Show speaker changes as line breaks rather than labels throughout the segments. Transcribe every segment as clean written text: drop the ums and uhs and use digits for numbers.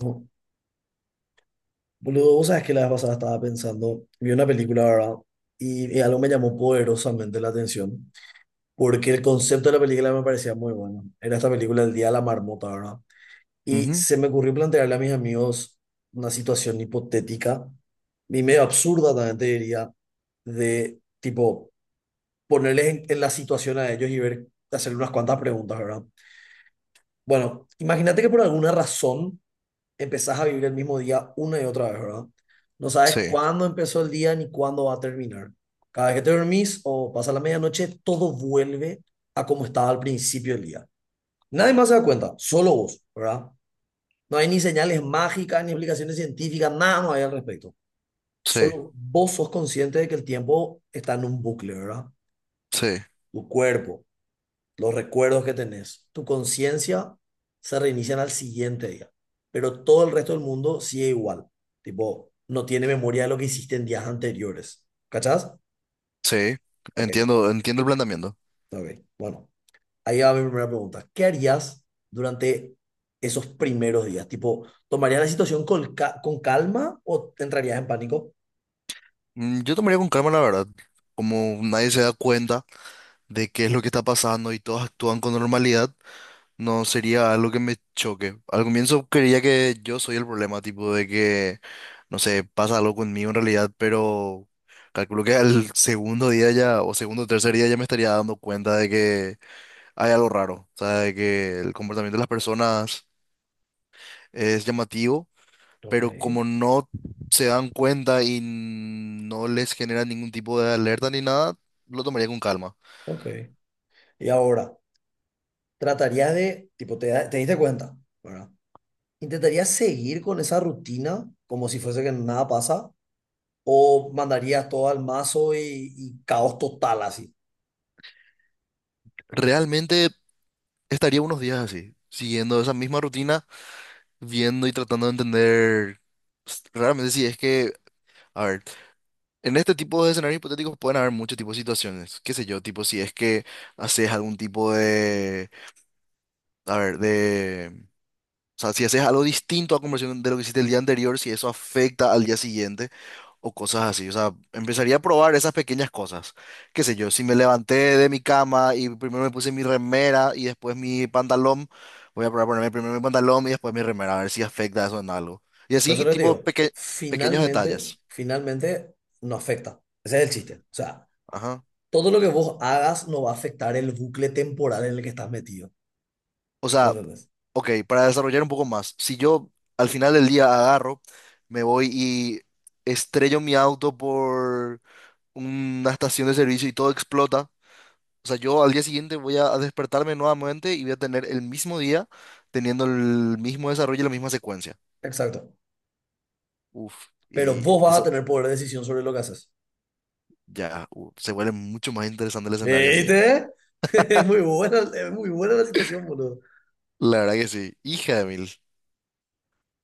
No, Boludo, vos sabés que la vez pasada estaba pensando, vi una película, ¿verdad? Y algo me llamó poderosamente la atención, porque el concepto de la película me parecía muy bueno. Era esta película El Día de la Marmota, ¿verdad? Y
Ujú.
se me ocurrió plantearle a mis amigos una situación hipotética y medio absurda también te diría, de tipo ponerles en la situación a ellos y ver, hacerle unas cuantas preguntas, ¿verdad? Bueno, imagínate que por alguna razón empezás a vivir el mismo día una y otra vez, ¿verdad? No sabes
Sí,
cuándo empezó el día ni cuándo va a terminar. Cada vez que te dormís o pasa la medianoche, todo vuelve a como estaba al principio del día. Nadie más se da cuenta, solo vos, ¿verdad? No hay ni señales mágicas, ni explicaciones científicas, nada no hay al respecto.
sí,
Solo vos sos consciente de que el tiempo está en un bucle, ¿verdad?
sí,
Tu cuerpo, los recuerdos que tenés, tu conciencia se reinician al siguiente día, pero todo el resto del mundo sigue igual. Tipo, no tiene memoria de lo que hiciste en días anteriores. ¿Cachás?
sí.
Ok,
Entiendo el planteamiento.
ok. Bueno, ahí va mi primera pregunta. ¿Qué harías durante esos primeros días? Tipo, ¿tomarías la situación con calma o te entrarías en pánico?
Yo tomaría con calma, la verdad. Como nadie se da cuenta de qué es lo que está pasando y todos actúan con normalidad, no sería algo que me choque. Al comienzo creía que yo soy el problema, tipo de que, no sé, pasa algo conmigo en realidad, pero calculo que al segundo día ya, o segundo o tercer día ya me estaría dando cuenta de que hay algo raro. O sea, de que el comportamiento de las personas es llamativo,
Ok,
pero como no se dan cuenta y no les genera ningún tipo de alerta ni nada, lo tomaría con calma.
ok. Y ahora, tratarías de, tipo, te diste cuenta, ¿verdad? ¿Intentarías seguir con esa rutina como si fuese que nada pasa? ¿O mandarías todo al mazo y caos total así?
Realmente estaría unos días así, siguiendo esa misma rutina, viendo y tratando de entender realmente si es que, a ver, en este tipo de escenarios hipotéticos pueden haber muchos tipos de situaciones, qué sé yo, tipo si es que haces algún tipo de, a ver, o sea, si haces algo distinto a conversión de lo que hiciste el día anterior, si eso afecta al día siguiente o cosas así. O sea, empezaría a probar esas pequeñas cosas. Qué sé yo, si me levanté de mi cama y primero me puse mi remera y después mi pantalón, voy a probar ponerme primero mi pantalón y después mi remera, a ver si afecta eso en algo. Y
Por eso
así,
les
tipo,
digo,
pequeños
finalmente,
detalles.
finalmente no afecta. Ese es el chiste. O sea,
Ajá.
todo lo que vos hagas no va a afectar el bucle temporal en el que estás metido.
O sea,
¿Entendés?
ok, para desarrollar un poco más, si yo al final del día agarro, me voy y estrello mi auto por una estación de servicio y todo explota. O sea, yo al día siguiente voy a despertarme nuevamente y voy a tener el mismo día teniendo el mismo desarrollo y la misma secuencia.
Exacto.
Uf,
Pero
y
vos vas a
eso
tener poder de decisión sobre lo que haces.
ya se vuelve mucho más interesante el escenario así.
¿Viste? Es muy buena la situación, boludo.
La verdad que sí. Hija de mil.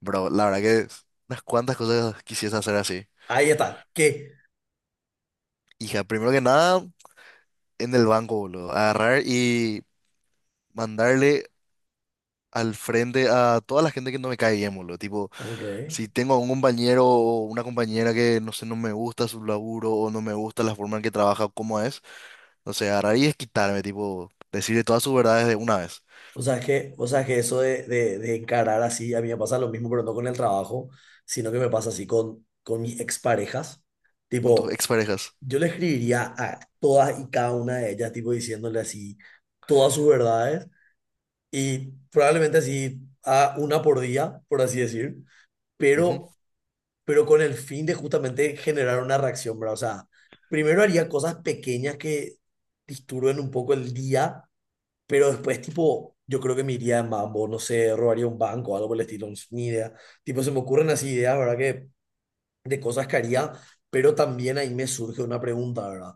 Bro, la verdad que unas cuantas cosas quisiese hacer así.
Ahí está. ¿Qué?
Hija, primero que nada, en el banco, boludo. Agarrar y mandarle al frente a toda la gente que no me cae bien, boludo. Tipo,
Ok.
si tengo un compañero o una compañera que, no sé, no me gusta su laburo o no me gusta la forma en que trabaja, cómo es, no sé, agarrar y quitarme, tipo, decirle todas sus verdades de una vez
O sea, es que, o sea, es que eso de encarar así, a mí me pasa lo mismo, pero no con el trabajo, sino que me pasa así con mis exparejas.
con tus
Tipo,
exparejas.
yo le escribiría a todas y cada una de ellas, tipo, diciéndole así todas sus verdades y probablemente así a una por día, por así decir,
Ujú,
pero, pero con el fin de justamente generar una reacción, ¿verdad? O sea, primero haría cosas pequeñas que disturben un poco el día pero después, tipo, yo creo que me iría en mambo, no sé, robaría un banco o algo por el estilo, no sé, ni idea. Tipo, se me ocurren así ideas, ¿verdad? Que de cosas que haría, pero también ahí me surge una pregunta, ¿verdad?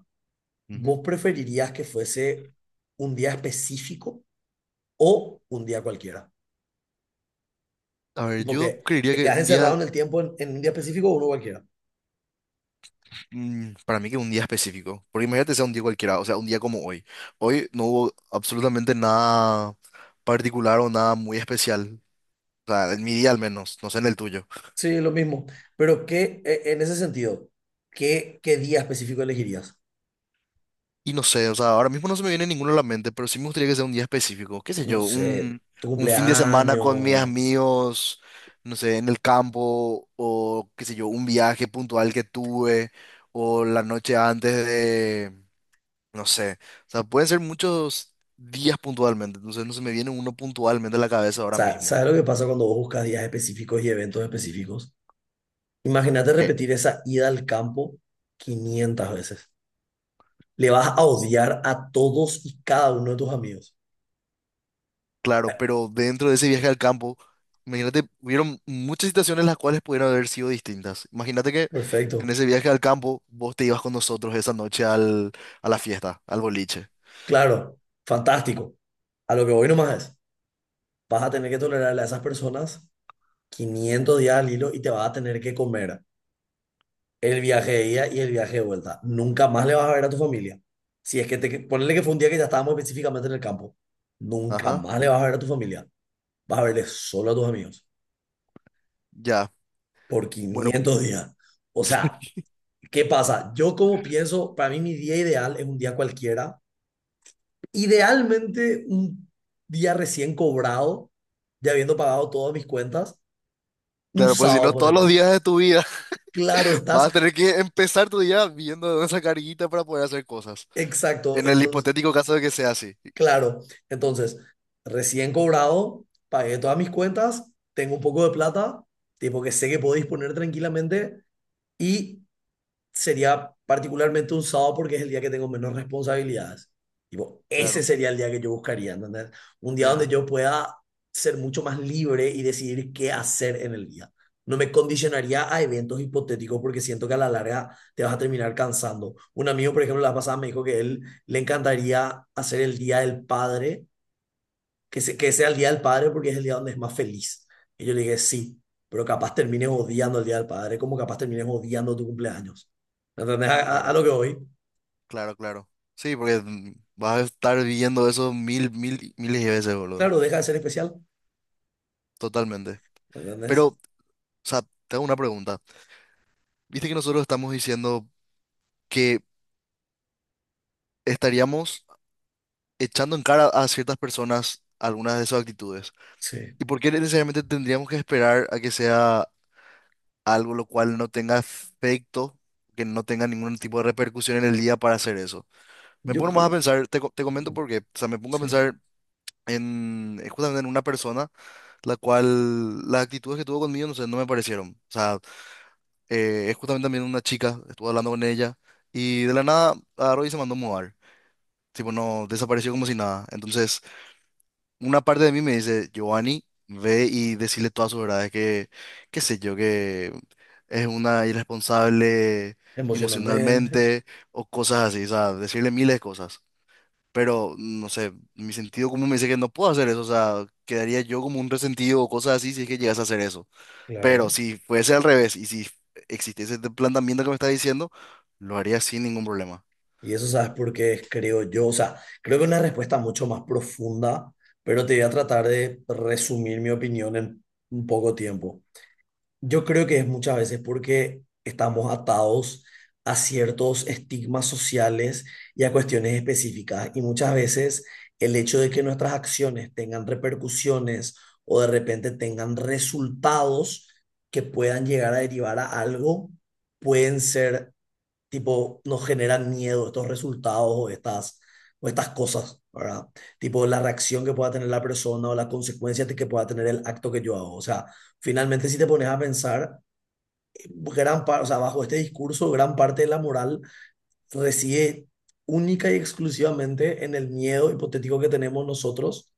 ¿Vos
ujú.
preferirías que fuese un día específico o un día cualquiera?
A ver,
Tipo
yo
que
creería
te
que
quedas
un
encerrado
día,
en el tiempo en un día específico o uno cualquiera.
mm, para mí que un día específico, porque imagínate sea un día cualquiera, o sea, un día como hoy. Hoy no hubo absolutamente nada particular o nada muy especial, o sea, en mi día al menos, no sé en el tuyo.
Sí, lo mismo. Pero ¿qué, en ese sentido, qué día específico elegirías?
Y no sé, o sea, ahora mismo no se me viene ninguno a la mente, pero sí me gustaría que sea un día específico, qué sé
No
yo,
sé, tu
un fin de semana con mis
cumpleaños.
amigos, no sé, en el campo, o qué sé yo, un viaje puntual que tuve, o la noche antes de, no sé, o sea, pueden ser muchos días puntualmente, entonces no se me viene uno puntualmente a la cabeza ahora
Sa-
mismo.
¿Sabes lo que pasa cuando vos buscas días específicos y eventos específicos? Imagínate
¿Qué?
repetir esa ida al campo 500 veces. Le vas a odiar a todos y cada uno de tus amigos.
Claro, pero dentro de ese viaje al campo, imagínate, hubieron muchas situaciones las cuales pudieron haber sido distintas. Imagínate que en
Perfecto.
ese viaje al campo vos te ibas con nosotros esa noche al, a la fiesta, al boliche.
Claro. Fantástico. A lo que voy nomás es, vas a tener que tolerarle a esas personas 500 días al hilo y te vas a tener que comer el viaje de ida y el viaje de vuelta. Nunca más le vas a ver a tu familia. Si es que te, ponerle que fue un día que ya estábamos específicamente en el campo. Nunca
Ajá,
más le vas a ver a tu familia. Vas a verle solo a tus amigos
ya.
por
Bueno,
500 días. O sea, ¿qué pasa? Yo como pienso, para mí mi día ideal es un día cualquiera. Idealmente un día recién cobrado, ya habiendo pagado todas mis cuentas, un
claro, pues si
sábado,
no, todos los
ponele.
días de tu vida
Claro, estás
vas a tener que empezar tu día viendo esa carguita para poder hacer cosas.
exacto.
En el
Entonces,
hipotético caso de que sea así.
claro, entonces, recién cobrado, pagué todas mis cuentas, tengo un poco de plata, tipo que sé que puedo disponer tranquilamente y sería particularmente un sábado porque es el día que tengo menos responsabilidades. Tipo, ese
Claro,
sería el día que yo buscaría, ¿entendés? Un día donde
ya,
yo pueda ser mucho más libre y decidir qué hacer en el día. No me condicionaría a eventos hipotéticos porque siento que a la larga te vas a terminar cansando. Un amigo, por ejemplo, la pasada me dijo que él le encantaría hacer el Día del Padre que sea el Día del Padre porque es el día donde es más feliz. Y yo le dije, sí, pero capaz termines odiando el Día del Padre, como capaz termines odiando tu cumpleaños. ¿Entendés? A
claro,
lo que voy.
claro. Sí, porque vas a estar viendo eso miles de veces, boludo.
Claro, deja de ser especial.
Totalmente.
¿Entendés?
Pero o sea, te hago una pregunta. Viste que nosotros estamos diciendo que estaríamos echando en cara a ciertas personas algunas de sus actitudes.
Sí,
¿Y por qué necesariamente tendríamos que esperar a que sea algo lo cual no tenga efecto, que no tenga ningún tipo de repercusión en el día para hacer eso? Me
yo
pongo más a
creo,
pensar, te comento por qué. O sea, me pongo a
sí,
pensar en justamente en una persona la cual las actitudes que tuvo conmigo, no sé, no me parecieron. O sea, es justamente también una chica, estuve hablando con ella y de la nada agarró y se mandó a mudar. Tipo, no, desapareció como si nada. Entonces, una parte de mí me dice, Giovanni, ve y decirle todas sus verdades, que, qué sé yo, que es una irresponsable
emocionalmente,
emocionalmente o cosas así, o sea, decirle miles de cosas. Pero, no sé, mi sentido común me dice que no puedo hacer eso, o sea, quedaría yo como un resentido o cosas así si es que llegas a hacer eso. Pero
claro.
si fuese al revés y si existiese este planteamiento que me está diciendo, lo haría sin ningún problema.
Y eso sabes por qué creo yo, o sea, creo que es una respuesta mucho más profunda, pero te voy a tratar de resumir mi opinión en un poco tiempo. Yo creo que es muchas veces porque estamos atados a ciertos estigmas sociales y a cuestiones específicas. Y muchas veces el hecho de que nuestras acciones tengan repercusiones o de repente tengan resultados que puedan llegar a derivar a algo, pueden ser tipo, nos generan miedo estos resultados o estas cosas, ¿verdad? Tipo, la reacción que pueda tener la persona o las consecuencias que pueda tener el acto que yo hago. O sea, finalmente si te pones a pensar, gran parte, o sea, bajo este discurso, gran parte de la moral reside única y exclusivamente en el miedo hipotético que tenemos nosotros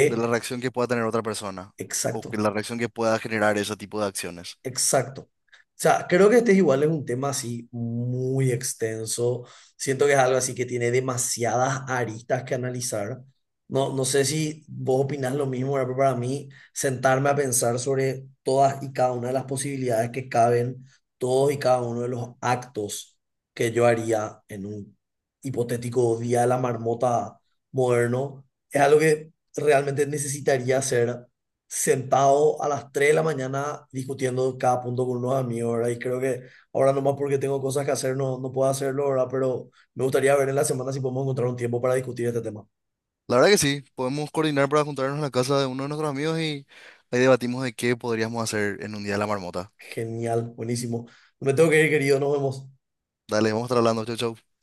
De la reacción que pueda tener otra persona o que
exacto,
la reacción que pueda generar ese tipo de acciones.
Exacto. O sea, creo que este es igual es un tema así muy extenso. Siento que es algo así que tiene demasiadas aristas que analizar. No, no sé si vos opinás lo mismo, ¿verdad? Pero para mí sentarme a pensar sobre todas y cada una de las posibilidades que caben, todos y cada uno de los actos que yo haría en un hipotético día de la marmota moderno, es algo que realmente necesitaría hacer sentado a las 3 de la mañana discutiendo cada punto con unos amigos, ¿verdad? Y creo que ahora nomás porque tengo cosas que hacer no, no puedo hacerlo, ¿verdad? Pero me gustaría ver en la semana si podemos encontrar un tiempo para discutir este tema.
La verdad que sí, podemos coordinar para juntarnos en la casa de uno de nuestros amigos y ahí debatimos de qué podríamos hacer en un día de la marmota.
Genial, buenísimo. No Me tengo que ir, querido, nos vemos.
Dale, vamos a estar hablando, chau, chau.